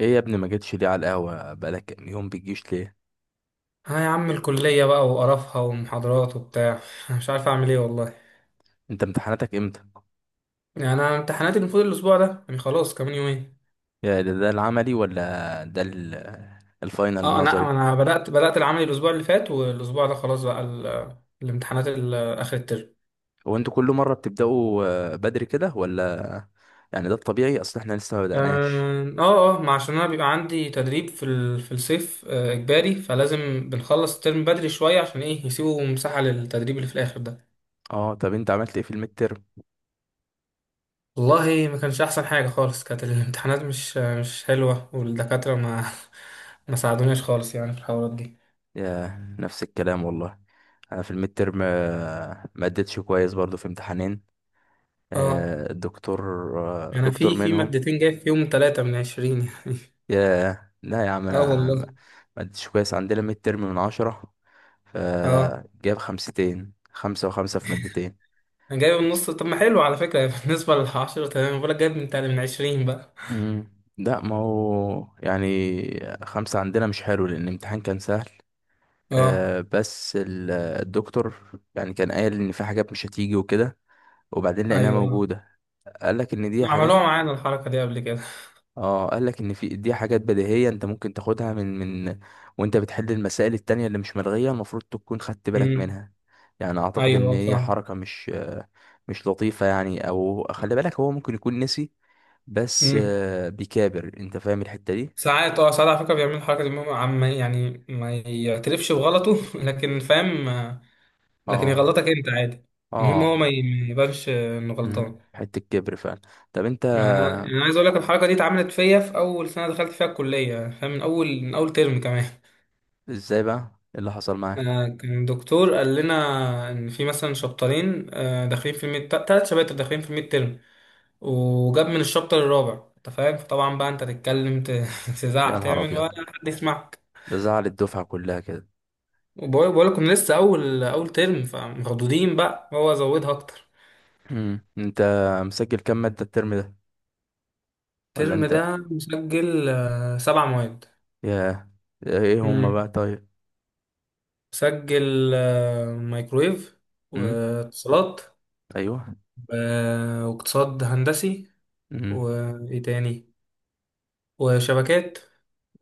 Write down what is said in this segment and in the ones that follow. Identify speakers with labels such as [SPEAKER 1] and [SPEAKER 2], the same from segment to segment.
[SPEAKER 1] ايه يا ابني، ما جيتش ليه على القهوة؟ بقالك كام يوم بتجيش ليه؟
[SPEAKER 2] ها يا عم، الكلية بقى وقرفها ومحاضرات وبتاع. أنا مش عارف أعمل إيه والله.
[SPEAKER 1] انت امتحاناتك امتى؟
[SPEAKER 2] يعني أنا امتحاناتي المفروض الأسبوع ده، يعني خلاص كمان يومين.
[SPEAKER 1] ده العملي ولا الفاينل
[SPEAKER 2] أه أنا
[SPEAKER 1] النظري؟
[SPEAKER 2] أنا بدأت العمل الأسبوع اللي فات، والأسبوع ده خلاص بقى الامتحانات آخر الترم.
[SPEAKER 1] هو انتوا كل مرة بتبدأوا بدري كده ولا يعني ده الطبيعي؟ اصل احنا لسه ما بدأناش.
[SPEAKER 2] آه آه آه، ما عشان أنا بيبقى عندي تدريب في الصيف آه، إجباري، فلازم بنخلص الترم بدري شوية، عشان إيه، يسيبوا مساحة للتدريب اللي في الآخر ده.
[SPEAKER 1] اه طب انت عملت ايه في الميد ترم؟
[SPEAKER 2] والله ما كانش أحسن حاجة خالص، كانت الامتحانات مش حلوة، والدكاترة ما ما ساعدوناش خالص يعني في الحوارات دي.
[SPEAKER 1] يا نفس الكلام والله. انا في الميد ترم ما اديتش كويس برضو في امتحانين.
[SPEAKER 2] اه،
[SPEAKER 1] الدكتور،
[SPEAKER 2] انا
[SPEAKER 1] دكتور
[SPEAKER 2] في
[SPEAKER 1] منهم.
[SPEAKER 2] مادتين جايب فيهم ثلاثة من عشرين يعني.
[SPEAKER 1] ياه لا يا عم،
[SPEAKER 2] اه
[SPEAKER 1] انا ما،
[SPEAKER 2] والله.
[SPEAKER 1] ما اديتش كويس. عندنا ميد ترم من عشرة،
[SPEAKER 2] اه،
[SPEAKER 1] فجاب خمستين، خمسة وخمسة في مادتين.
[SPEAKER 2] انا جايب النص، طب ما حلو على فكرة بالنسبة للعشرة. تمام، بقولك جايب من من عشرين بقى.
[SPEAKER 1] مم. لا ما هو يعني خمسة عندنا مش حلو، لأن الامتحان كان سهل.
[SPEAKER 2] اه،
[SPEAKER 1] بس الدكتور يعني كان قايل إن في حاجات مش هتيجي وكده، وبعدين لقيناها
[SPEAKER 2] ايوه،
[SPEAKER 1] موجودة. قال لك إن دي حاجات،
[SPEAKER 2] عملوها معانا الحركة دي قبل كده.
[SPEAKER 1] اه قال لك ان في دي حاجات بديهيه، انت ممكن تاخدها من، وانت بتحل المسائل التانية اللي مش ملغيه المفروض تكون خدت بالك
[SPEAKER 2] امم.
[SPEAKER 1] منها. يعني اعتقد ان
[SPEAKER 2] ايوه
[SPEAKER 1] هي
[SPEAKER 2] فاهم.
[SPEAKER 1] حركه مش لطيفه يعني، او خلي بالك، هو ممكن يكون نسي، بس
[SPEAKER 2] امم.
[SPEAKER 1] بيكابر. انت فاهم الحته دي؟
[SPEAKER 2] ساعات اه ساعات على فكرة بيعملوا الحركة دي، المهم عم يعني ما يعترفش بغلطه لكن فاهم آه، لكن
[SPEAKER 1] اه
[SPEAKER 2] يغلطك انت عادي. المهم هو
[SPEAKER 1] اه،
[SPEAKER 2] ما يبانش آه، انه غلطان.
[SPEAKER 1] حته كبر فعلا. طب انت،
[SPEAKER 2] انا أنا عايز اقول لك الحركه دي اتعملت فيا في اول سنه دخلت فيها الكليه، فاهم، من اول ترم كمان.
[SPEAKER 1] ازاي بقى؟ إيه اللي حصل معاك؟
[SPEAKER 2] آه، كان دكتور قال لنا ان في مثلا شابترين آه، داخلين في الميد، ثلاث شباتر داخلين في الميد ترم، وجاب من الشابتر الرابع. انت فاهم، فطبعا بقى انت تتكلم
[SPEAKER 1] يا
[SPEAKER 2] تزعق
[SPEAKER 1] نهار
[SPEAKER 2] تعمل ولا
[SPEAKER 1] ابيض،
[SPEAKER 2] حد يسمعك.
[SPEAKER 1] ده زعل الدفعه كلها كده.
[SPEAKER 2] وبقول لكم لسه اول ترم، فمخضوضين بقى هو زودها اكتر.
[SPEAKER 1] انت مسجل كام ماده الترم ده؟ ولا
[SPEAKER 2] الترم
[SPEAKER 1] انت،
[SPEAKER 2] ده مسجل آه، سبع مواد.
[SPEAKER 1] يا، ايه هما
[SPEAKER 2] مم.
[SPEAKER 1] بقى طيب؟
[SPEAKER 2] سجل آه، مايكرويف،
[SPEAKER 1] امم.
[SPEAKER 2] واتصالات،
[SPEAKER 1] ايوه.
[SPEAKER 2] واقتصاد هندسي،
[SPEAKER 1] امم.
[SPEAKER 2] وايه تاني، وشبكات،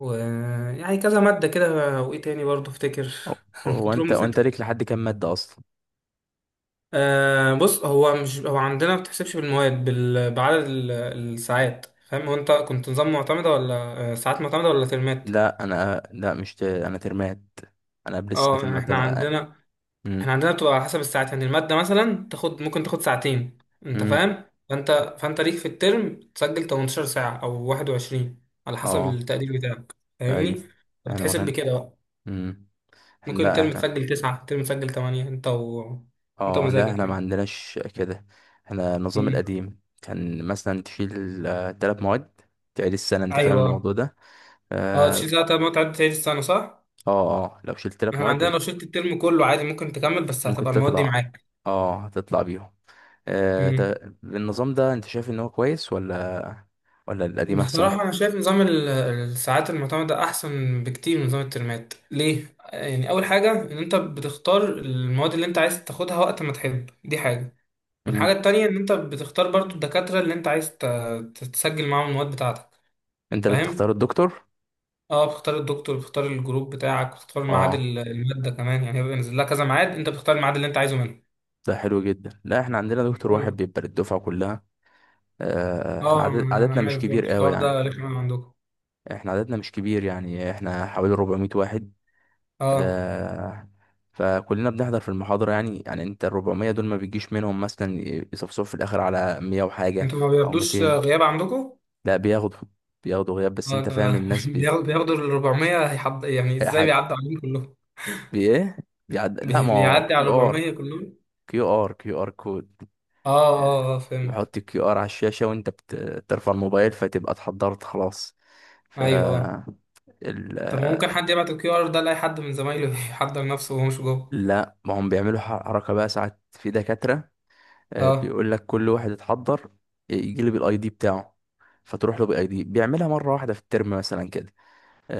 [SPEAKER 2] ويعني كذا مادة كده، وايه تاني برضه افتكر.
[SPEAKER 1] هو هو
[SPEAKER 2] كنترول
[SPEAKER 1] انت وانت
[SPEAKER 2] نسيتها.
[SPEAKER 1] ليك لحد كام ماده اصلا؟
[SPEAKER 2] آه بص، هو مش هو عندنا ما بتحسبش بالمواد بال... بعدد الساعات فاهم. هو انت كنت نظام معتمدة ولا آه، ساعات معتمدة ولا ترمات؟
[SPEAKER 1] لا انا، لا مش انا ترمات، انا قبل الساعات
[SPEAKER 2] اه احنا
[SPEAKER 1] المعتمده.
[SPEAKER 2] عندنا،
[SPEAKER 1] امم.
[SPEAKER 2] احنا عندنا بتبقى على حسب الساعات، يعني المادة مثلا تاخد، ممكن تاخد ساعتين، انت
[SPEAKER 1] امم.
[SPEAKER 2] فاهم، فانت ليك في الترم تسجل 18 ساعة او 21 على حسب
[SPEAKER 1] اه.
[SPEAKER 2] التقدير بتاعك، فاهمني،
[SPEAKER 1] ايوه. احنا ما
[SPEAKER 2] فبتحسب
[SPEAKER 1] كان.
[SPEAKER 2] بكده بقى،
[SPEAKER 1] امم.
[SPEAKER 2] ممكن
[SPEAKER 1] لا
[SPEAKER 2] ترم
[SPEAKER 1] احنا،
[SPEAKER 2] تسجل 9، ترم تسجل 8، انت و... انت
[SPEAKER 1] اه لا
[SPEAKER 2] مزاجك
[SPEAKER 1] احنا ما
[SPEAKER 2] يعني.
[SPEAKER 1] عندناش كده. احنا النظام
[SPEAKER 2] امم.
[SPEAKER 1] القديم كان مثلا تشيل تلات مواد، تعيد السنه. انت فاهم
[SPEAKER 2] ايوه.
[SPEAKER 1] الموضوع ده؟
[SPEAKER 2] اه، تشيل
[SPEAKER 1] اه.
[SPEAKER 2] ساعة ما تعدي، تعيد السنة صح؟
[SPEAKER 1] اه، لو شلت تلات
[SPEAKER 2] احنا عندنا
[SPEAKER 1] مواد
[SPEAKER 2] لو شلت الترم كله عادي، ممكن تكمل، بس
[SPEAKER 1] ممكن
[SPEAKER 2] هتبقى المواد دي
[SPEAKER 1] تطلع،
[SPEAKER 2] معاك.
[SPEAKER 1] اه هتطلع بيهم. النظام ده انت شايف ان هو كويس، ولا ولا القديم احسن؟
[SPEAKER 2] بصراحة أنا شايف نظام الساعات المعتمدة أحسن بكتير من نظام الترمات. ليه؟ يعني أول حاجة إن أنت بتختار المواد اللي أنت عايز تاخدها وقت ما تحب، دي حاجة.
[SPEAKER 1] مم.
[SPEAKER 2] والحاجة التانية إن أنت بتختار برضو الدكاترة اللي أنت عايز تسجل معاهم المواد بتاعتك،
[SPEAKER 1] انت اللي بتختار
[SPEAKER 2] فاهم؟
[SPEAKER 1] الدكتور؟
[SPEAKER 2] أه، بتختار الدكتور، بتختار الجروب بتاعك، بتختار ميعاد
[SPEAKER 1] اه،
[SPEAKER 2] المادة كمان، يعني هيبقى نازل لها كذا ميعاد، أنت بتختار الميعاد اللي أنت عايزه منه.
[SPEAKER 1] ده حلو جدا. لا احنا عندنا دكتور واحد
[SPEAKER 2] بيقول.
[SPEAKER 1] بيبقى للدفعه كلها. احنا
[SPEAKER 2] أه أنا
[SPEAKER 1] عددنا
[SPEAKER 2] أنا
[SPEAKER 1] مش
[SPEAKER 2] عارف
[SPEAKER 1] كبير
[SPEAKER 2] برضو
[SPEAKER 1] قوي
[SPEAKER 2] الحوار ده
[SPEAKER 1] يعني،
[SPEAKER 2] رخم عندكم.
[SPEAKER 1] احنا عددنا مش كبير. يعني احنا حوالي 400 واحد،
[SPEAKER 2] أه،
[SPEAKER 1] آه، فكلنا بنحضر في المحاضره. يعني انت ال 400 دول ما بيجيش منهم مثلا يصفصف في الاخر على 100 وحاجه
[SPEAKER 2] أنتوا ما
[SPEAKER 1] او
[SPEAKER 2] بياخدوش
[SPEAKER 1] 200.
[SPEAKER 2] غياب عندكم؟
[SPEAKER 1] لا بياخدوا، بياخدوا غياب، بس
[SPEAKER 2] آه،
[SPEAKER 1] انت فاهم
[SPEAKER 2] ده
[SPEAKER 1] الناس
[SPEAKER 2] بياخدوا ال 400، هيحض... يعني ازاي بيعدي عليهم كلهم؟
[SPEAKER 1] بايه بيعد. لا ما هو
[SPEAKER 2] بيعدي على
[SPEAKER 1] كيو
[SPEAKER 2] 400
[SPEAKER 1] ار،
[SPEAKER 2] كلهم؟
[SPEAKER 1] كيو ار كود.
[SPEAKER 2] اه اه آه، اه، فهمت.
[SPEAKER 1] بحط الكيو ار على الشاشة وانت بترفع الموبايل، فتبقى اتحضرت خلاص. ف،
[SPEAKER 2] ايوه آه.
[SPEAKER 1] ال...
[SPEAKER 2] طب ما ممكن حد يبعت الكيو ار ده لاي حد من زمايله يحضر نفسه وهو مش جوه.
[SPEAKER 1] لا ما هم بيعملوا حركة بقى ساعات. في دكاترة
[SPEAKER 2] اه
[SPEAKER 1] بيقول لك كل واحد اتحضر يجي لي بالاي دي بتاعه، فتروح له بالاي دي، بيعملها مرة واحدة في الترم مثلا كده،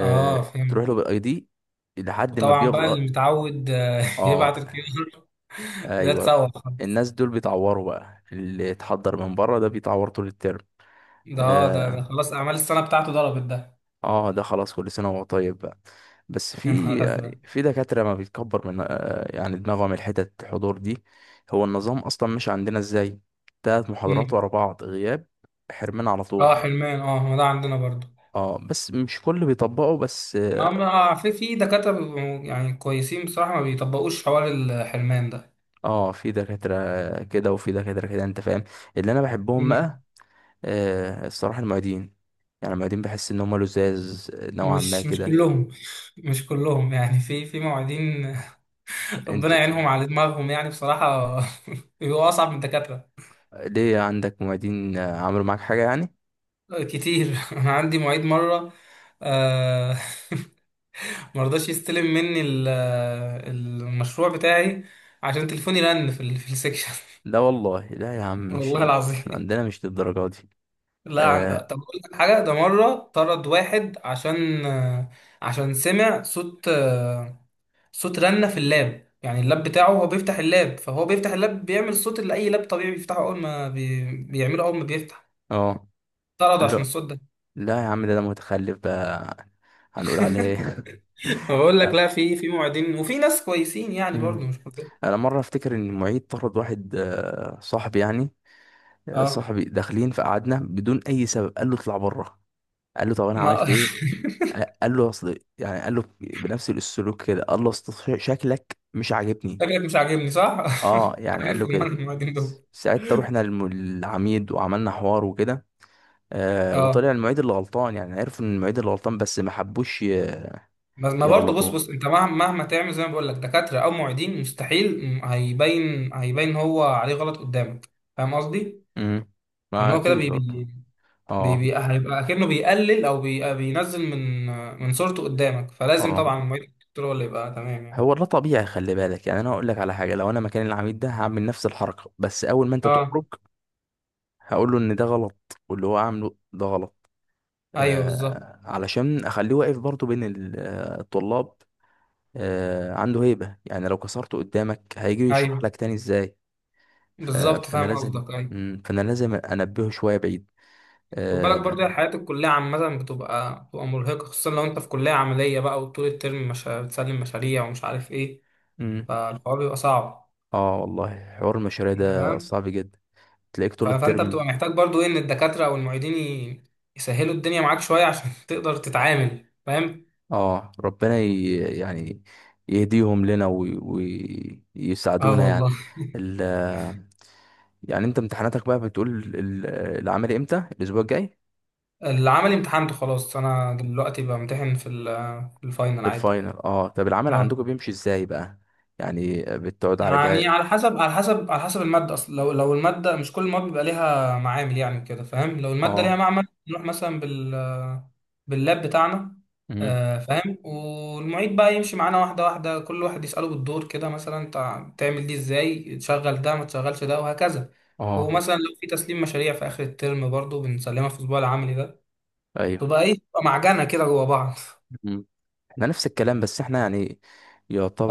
[SPEAKER 2] اه فهمت.
[SPEAKER 1] تروح له بالاي دي لحد ما
[SPEAKER 2] وطبعا بقى اللي
[SPEAKER 1] بيفضل.
[SPEAKER 2] متعود آه،
[SPEAKER 1] اه.
[SPEAKER 2] يبعت الكيو ار، ده
[SPEAKER 1] ايوه.
[SPEAKER 2] اتسوح خلاص.
[SPEAKER 1] الناس دول بيتعوروا بقى، اللي اتحضر من بره ده بيتعور طول الترم.
[SPEAKER 2] ده اه، ده ده
[SPEAKER 1] اه،
[SPEAKER 2] خلاص، اعمال السنه بتاعته ضربت ده.
[SPEAKER 1] ده خلاص كل سنه وهو طيب بقى. بس
[SPEAKER 2] يا
[SPEAKER 1] في
[SPEAKER 2] نهار ازرق.
[SPEAKER 1] في دكاتره ما بيتكبر من يعني دماغهم الحتت الحضور دي. هو النظام اصلا مش عندنا ازاي؟ تلات محاضرات
[SPEAKER 2] مم.
[SPEAKER 1] ورا بعض غياب، حرمان على
[SPEAKER 2] اه،
[SPEAKER 1] طول.
[SPEAKER 2] حلمان اه، ما ده عندنا برضو.
[SPEAKER 1] اه بس مش كل بيطبقوا، بس
[SPEAKER 2] ما
[SPEAKER 1] اه.
[SPEAKER 2] في في دكاتره بيبقوا يعني كويسين بصراحه، ما بيطبقوش حوار الحلمان ده.
[SPEAKER 1] في دكاتره كده وفي دكاتره كده، انت فاهم. اللي انا بحبهم
[SPEAKER 2] مم.
[SPEAKER 1] بقى الصراحة المعيدين. يعني المعيدين بحس إن هما لزاز نوعا ما
[SPEAKER 2] مش
[SPEAKER 1] كده.
[SPEAKER 2] كلهم، مش كلهم يعني، في معيدين
[SPEAKER 1] أنت
[SPEAKER 2] ربنا يعينهم على دماغهم يعني بصراحة. بيبقوا أصعب من الدكاترة.
[SPEAKER 1] ليه عندك معيدين عملوا معاك حاجة يعني؟
[SPEAKER 2] كتير، أنا عندي معيد مرة آه، مرضاش يستلم مني المشروع بتاعي عشان تليفوني رن في السكشن
[SPEAKER 1] لا والله لا يا عم، مش
[SPEAKER 2] والله
[SPEAKER 1] احنا
[SPEAKER 2] العظيم.
[SPEAKER 1] عندنا مش للدرجة دي.
[SPEAKER 2] لا عند...
[SPEAKER 1] اه.
[SPEAKER 2] طب أقول لك حاجة، ده مرة طرد واحد عشان آه، عشان سمع صوت، صوت رنة في اللاب، يعني اللاب بتاعه هو بيفتح اللاب، فهو بيفتح اللاب بيعمل الصوت اللي اي لاب طبيعي بيفتحه اول ما بي... بيعمله اول ما بيفتح.
[SPEAKER 1] آه.
[SPEAKER 2] طرد
[SPEAKER 1] قال
[SPEAKER 2] عشان
[SPEAKER 1] له
[SPEAKER 2] الصوت ده.
[SPEAKER 1] لا يا عم، ده أنا متخلف بقى، هنقول عليه إيه؟
[SPEAKER 2] بقول لك
[SPEAKER 1] لا.
[SPEAKER 2] لا، في في موعدين وفي ناس كويسين يعني برضه
[SPEAKER 1] مم.
[SPEAKER 2] مش كلهم.
[SPEAKER 1] أنا مرة أفتكر إن المعيد طرد واحد صاحبي يعني.
[SPEAKER 2] اه
[SPEAKER 1] صاحبي داخلين فقعدنا بدون أي سبب، قال له اطلع بره. قال له طب أنا
[SPEAKER 2] ما
[SPEAKER 1] عملت إيه؟ قال له اصل يعني، قال له بنفس السلوك كده، قال له اصل شكلك مش عاجبني.
[SPEAKER 2] شكلك مش عاجبني صح.
[SPEAKER 1] اه يعني قال له
[SPEAKER 2] عارفهم انا
[SPEAKER 1] كده.
[SPEAKER 2] الموعدين دول.
[SPEAKER 1] ساعتها رحنا للعميد وعملنا حوار وكده. آه،
[SPEAKER 2] اه،
[SPEAKER 1] وطلع المعيد اللي غلطان. يعني عرفوا ان المعيد اللي غلطان، بس ما حبوش
[SPEAKER 2] بس ما برضه بص
[SPEAKER 1] يغلطوه.
[SPEAKER 2] بص، انت مهما تعمل زي ما بقول لك دكاترة او معيدين، مستحيل هيبين هو عليه غلط قدامك. فاهم قصدي؟
[SPEAKER 1] امم.
[SPEAKER 2] ان
[SPEAKER 1] ما
[SPEAKER 2] هو كده
[SPEAKER 1] اكيد
[SPEAKER 2] بي...
[SPEAKER 1] برضه.
[SPEAKER 2] بي
[SPEAKER 1] اه
[SPEAKER 2] بي هيبقى اكنه بيقلل او بي بينزل من من صورته قدامك، فلازم
[SPEAKER 1] اه،
[SPEAKER 2] طبعا الموبايل الكتري هو اللي يبقى تمام يعني.
[SPEAKER 1] هو ده طبيعي، خلي بالك. يعني انا هقول لك على حاجه، لو انا مكان العميد ده هعمل نفس الحركه، بس اول ما انت تخرج
[SPEAKER 2] اه
[SPEAKER 1] هقول له ان ده غلط، واللي هو عامله ده غلط،
[SPEAKER 2] ايوه بالظبط،
[SPEAKER 1] علشان اخليه واقف برضو بين الطلاب، عنده هيبة. يعني لو كسرته قدامك، هيجي يشرح
[SPEAKER 2] ايوه
[SPEAKER 1] لك تاني ازاي؟
[SPEAKER 2] بالظبط
[SPEAKER 1] فانا
[SPEAKER 2] فاهم
[SPEAKER 1] لازم،
[SPEAKER 2] قصدك. ايوه.
[SPEAKER 1] فانا لازم انبهه شوية بعيد.
[SPEAKER 2] خد
[SPEAKER 1] اه.
[SPEAKER 2] بالك برضه، الحياة الكلية عامة بتبقى مرهقة، خصوصا لو انت في كلية عملية بقى، وطول الترم مش بتسلم مشاريع ومش عارف ايه،
[SPEAKER 1] مم.
[SPEAKER 2] فالحوار بيبقى صعب.
[SPEAKER 1] والله حوار المشاريع
[SPEAKER 2] انت
[SPEAKER 1] ده
[SPEAKER 2] فاهم،
[SPEAKER 1] صعب جدا، تلاقيك طول
[SPEAKER 2] فانت
[SPEAKER 1] الترم.
[SPEAKER 2] بتبقى محتاج برضه ايه، ان الدكاترة او المعيدين يسهلوا الدنيا معاك شوية عشان تقدر تتعامل، فاهم.
[SPEAKER 1] اه ربنا يعني يهديهم لنا
[SPEAKER 2] اه
[SPEAKER 1] ويساعدونا يعني.
[SPEAKER 2] والله.
[SPEAKER 1] ال... يعني انت امتحاناتك بقى بتقول، ال- العملي امتى؟ الاسبوع الجاي؟
[SPEAKER 2] العملي امتحنته خلاص، انا دلوقتي بامتحن في الفاينل
[SPEAKER 1] في
[SPEAKER 2] عادي.
[SPEAKER 1] الفاينل. اه طب العمل عندكم
[SPEAKER 2] اه
[SPEAKER 1] بيمشي ازاي بقى؟ يعني بتقعد على
[SPEAKER 2] يعني
[SPEAKER 1] جهاز؟
[SPEAKER 2] على حسب، على حسب الماده اصلا، لو لو الماده مش، كل المواد بيبقى ليها معامل يعني كده فاهم، لو الماده ليها
[SPEAKER 1] اه.
[SPEAKER 2] معمل، نروح مثلا بال باللاب بتاعنا.
[SPEAKER 1] مهم.
[SPEAKER 2] آه، فاهم. والمعيد بقى يمشي معانا واحده واحده، كل واحد يساله بالدور كده مثلا، انت تعمل دي ازاي، تشغل ده ما تشغلش ده وهكذا.
[SPEAKER 1] اه.
[SPEAKER 2] ومثلا لو في تسليم مشاريع في اخر الترم برضو بنسلمها في الاسبوع العملي ده،
[SPEAKER 1] ايوه.
[SPEAKER 2] تبقى ايه، تبقى معجنه كده جوا بعض.
[SPEAKER 1] مهم. احنا نفس الكلام، بس احنا يعني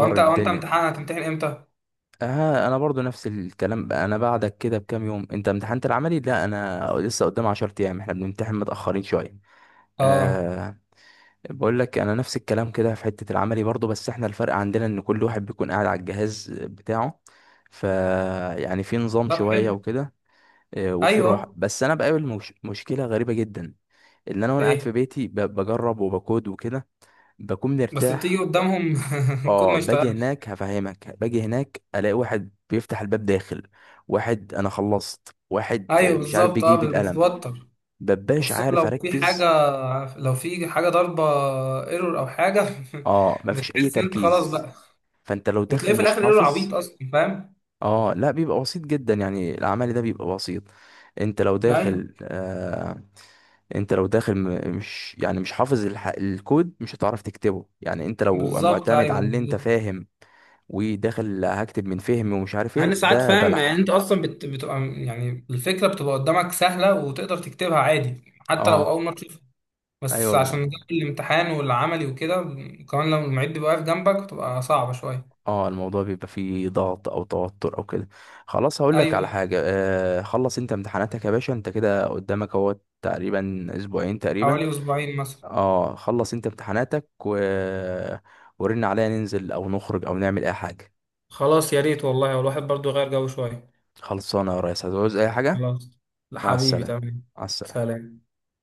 [SPEAKER 2] هو انت
[SPEAKER 1] الدنيا،
[SPEAKER 2] امتحان هتمتحن امتى؟
[SPEAKER 1] آه انا برضو نفس الكلام بقى. انا بعدك كده بكام يوم، انت امتحنت العملي، لا انا لسه قدام 10 ايام، احنا بنمتحن متاخرين شويه.
[SPEAKER 2] اه
[SPEAKER 1] آه، بقول لك انا نفس الكلام كده في حته العملي برضو، بس احنا الفرق عندنا ان كل واحد بيكون قاعد على الجهاز بتاعه، ف يعني في نظام
[SPEAKER 2] طب
[SPEAKER 1] شويه
[SPEAKER 2] حلو.
[SPEAKER 1] وكده، وفي راحه.
[SPEAKER 2] ايوه.
[SPEAKER 1] بس انا بقابل مش... مشكله غريبه جدا، ان انا وانا قاعد في
[SPEAKER 2] ايه
[SPEAKER 1] بيتي بجرب وبكود وكده بكون
[SPEAKER 2] بس بتيجي
[SPEAKER 1] مرتاح.
[SPEAKER 2] قدامهم الكود
[SPEAKER 1] اه،
[SPEAKER 2] ما
[SPEAKER 1] باجي
[SPEAKER 2] يشتغلش.
[SPEAKER 1] هناك هفهمك، باجي هناك الاقي واحد بيفتح الباب داخل، واحد انا خلصت، واحد
[SPEAKER 2] ايوه
[SPEAKER 1] مش عارف
[SPEAKER 2] بالظبط
[SPEAKER 1] بيجيب
[SPEAKER 2] اه
[SPEAKER 1] القلم،
[SPEAKER 2] بتتوتر.
[SPEAKER 1] ببقاش
[SPEAKER 2] وخصوصا
[SPEAKER 1] عارف
[SPEAKER 2] لو في حاجه،
[SPEAKER 1] اركز.
[SPEAKER 2] لو في حاجه ضربه، ايرور او حاجه.
[SPEAKER 1] اه، مفيش اي
[SPEAKER 2] بتحس ان انت خلاص
[SPEAKER 1] تركيز.
[SPEAKER 2] بقى.
[SPEAKER 1] فانت لو
[SPEAKER 2] وتلاقيه
[SPEAKER 1] داخل
[SPEAKER 2] في
[SPEAKER 1] مش
[SPEAKER 2] الاخر ايرور
[SPEAKER 1] حافظ.
[SPEAKER 2] عبيط اصلا فاهم؟
[SPEAKER 1] اه لا، بيبقى بسيط جدا، يعني العمل ده بيبقى بسيط. انت لو
[SPEAKER 2] ايوه
[SPEAKER 1] داخل آه، انت لو داخل مش يعني مش حافظ الكود، مش هتعرف تكتبه. يعني انت لو
[SPEAKER 2] بالظبط،
[SPEAKER 1] معتمد
[SPEAKER 2] ايوه
[SPEAKER 1] على اللي انت
[SPEAKER 2] بالظبط.
[SPEAKER 1] فاهم وداخل هكتب من فهم، ومش عارف
[SPEAKER 2] مع ان
[SPEAKER 1] ايه،
[SPEAKER 2] ساعات
[SPEAKER 1] ده
[SPEAKER 2] فاهم يعني
[SPEAKER 1] بلح.
[SPEAKER 2] انت اصلا بت... بتبقى يعني الفكره بتبقى قدامك سهله وتقدر تكتبها عادي حتى لو
[SPEAKER 1] اه.
[SPEAKER 2] اول مره، بس
[SPEAKER 1] ايوه.
[SPEAKER 2] عشان جو الامتحان والعملي وكده، وكمان لو المعيد بيبقى واقف جنبك بتبقى صعبة شوية.
[SPEAKER 1] اه الموضوع بيبقى فيه ضغط او توتر او كده. خلاص، هقول لك على
[SPEAKER 2] أيوة.
[SPEAKER 1] حاجه، آه خلص انت امتحاناتك يا باشا، انت كده قدامك اهو تقريبا اسبوعين تقريبا.
[SPEAKER 2] حوالي أسبوعين مثلا.
[SPEAKER 1] اه خلص انت امتحاناتك و... ورن عليا، ننزل او نخرج او نعمل اي حاجه.
[SPEAKER 2] خلاص يا ريت والله، والواحد برضو يغير جو شوية.
[SPEAKER 1] خلصانه يا ريس، هتعوز اي حاجه.
[SPEAKER 2] خلاص
[SPEAKER 1] مع
[SPEAKER 2] حبيبي
[SPEAKER 1] السلامة.
[SPEAKER 2] تمام.
[SPEAKER 1] مع السلامة.
[SPEAKER 2] سلام.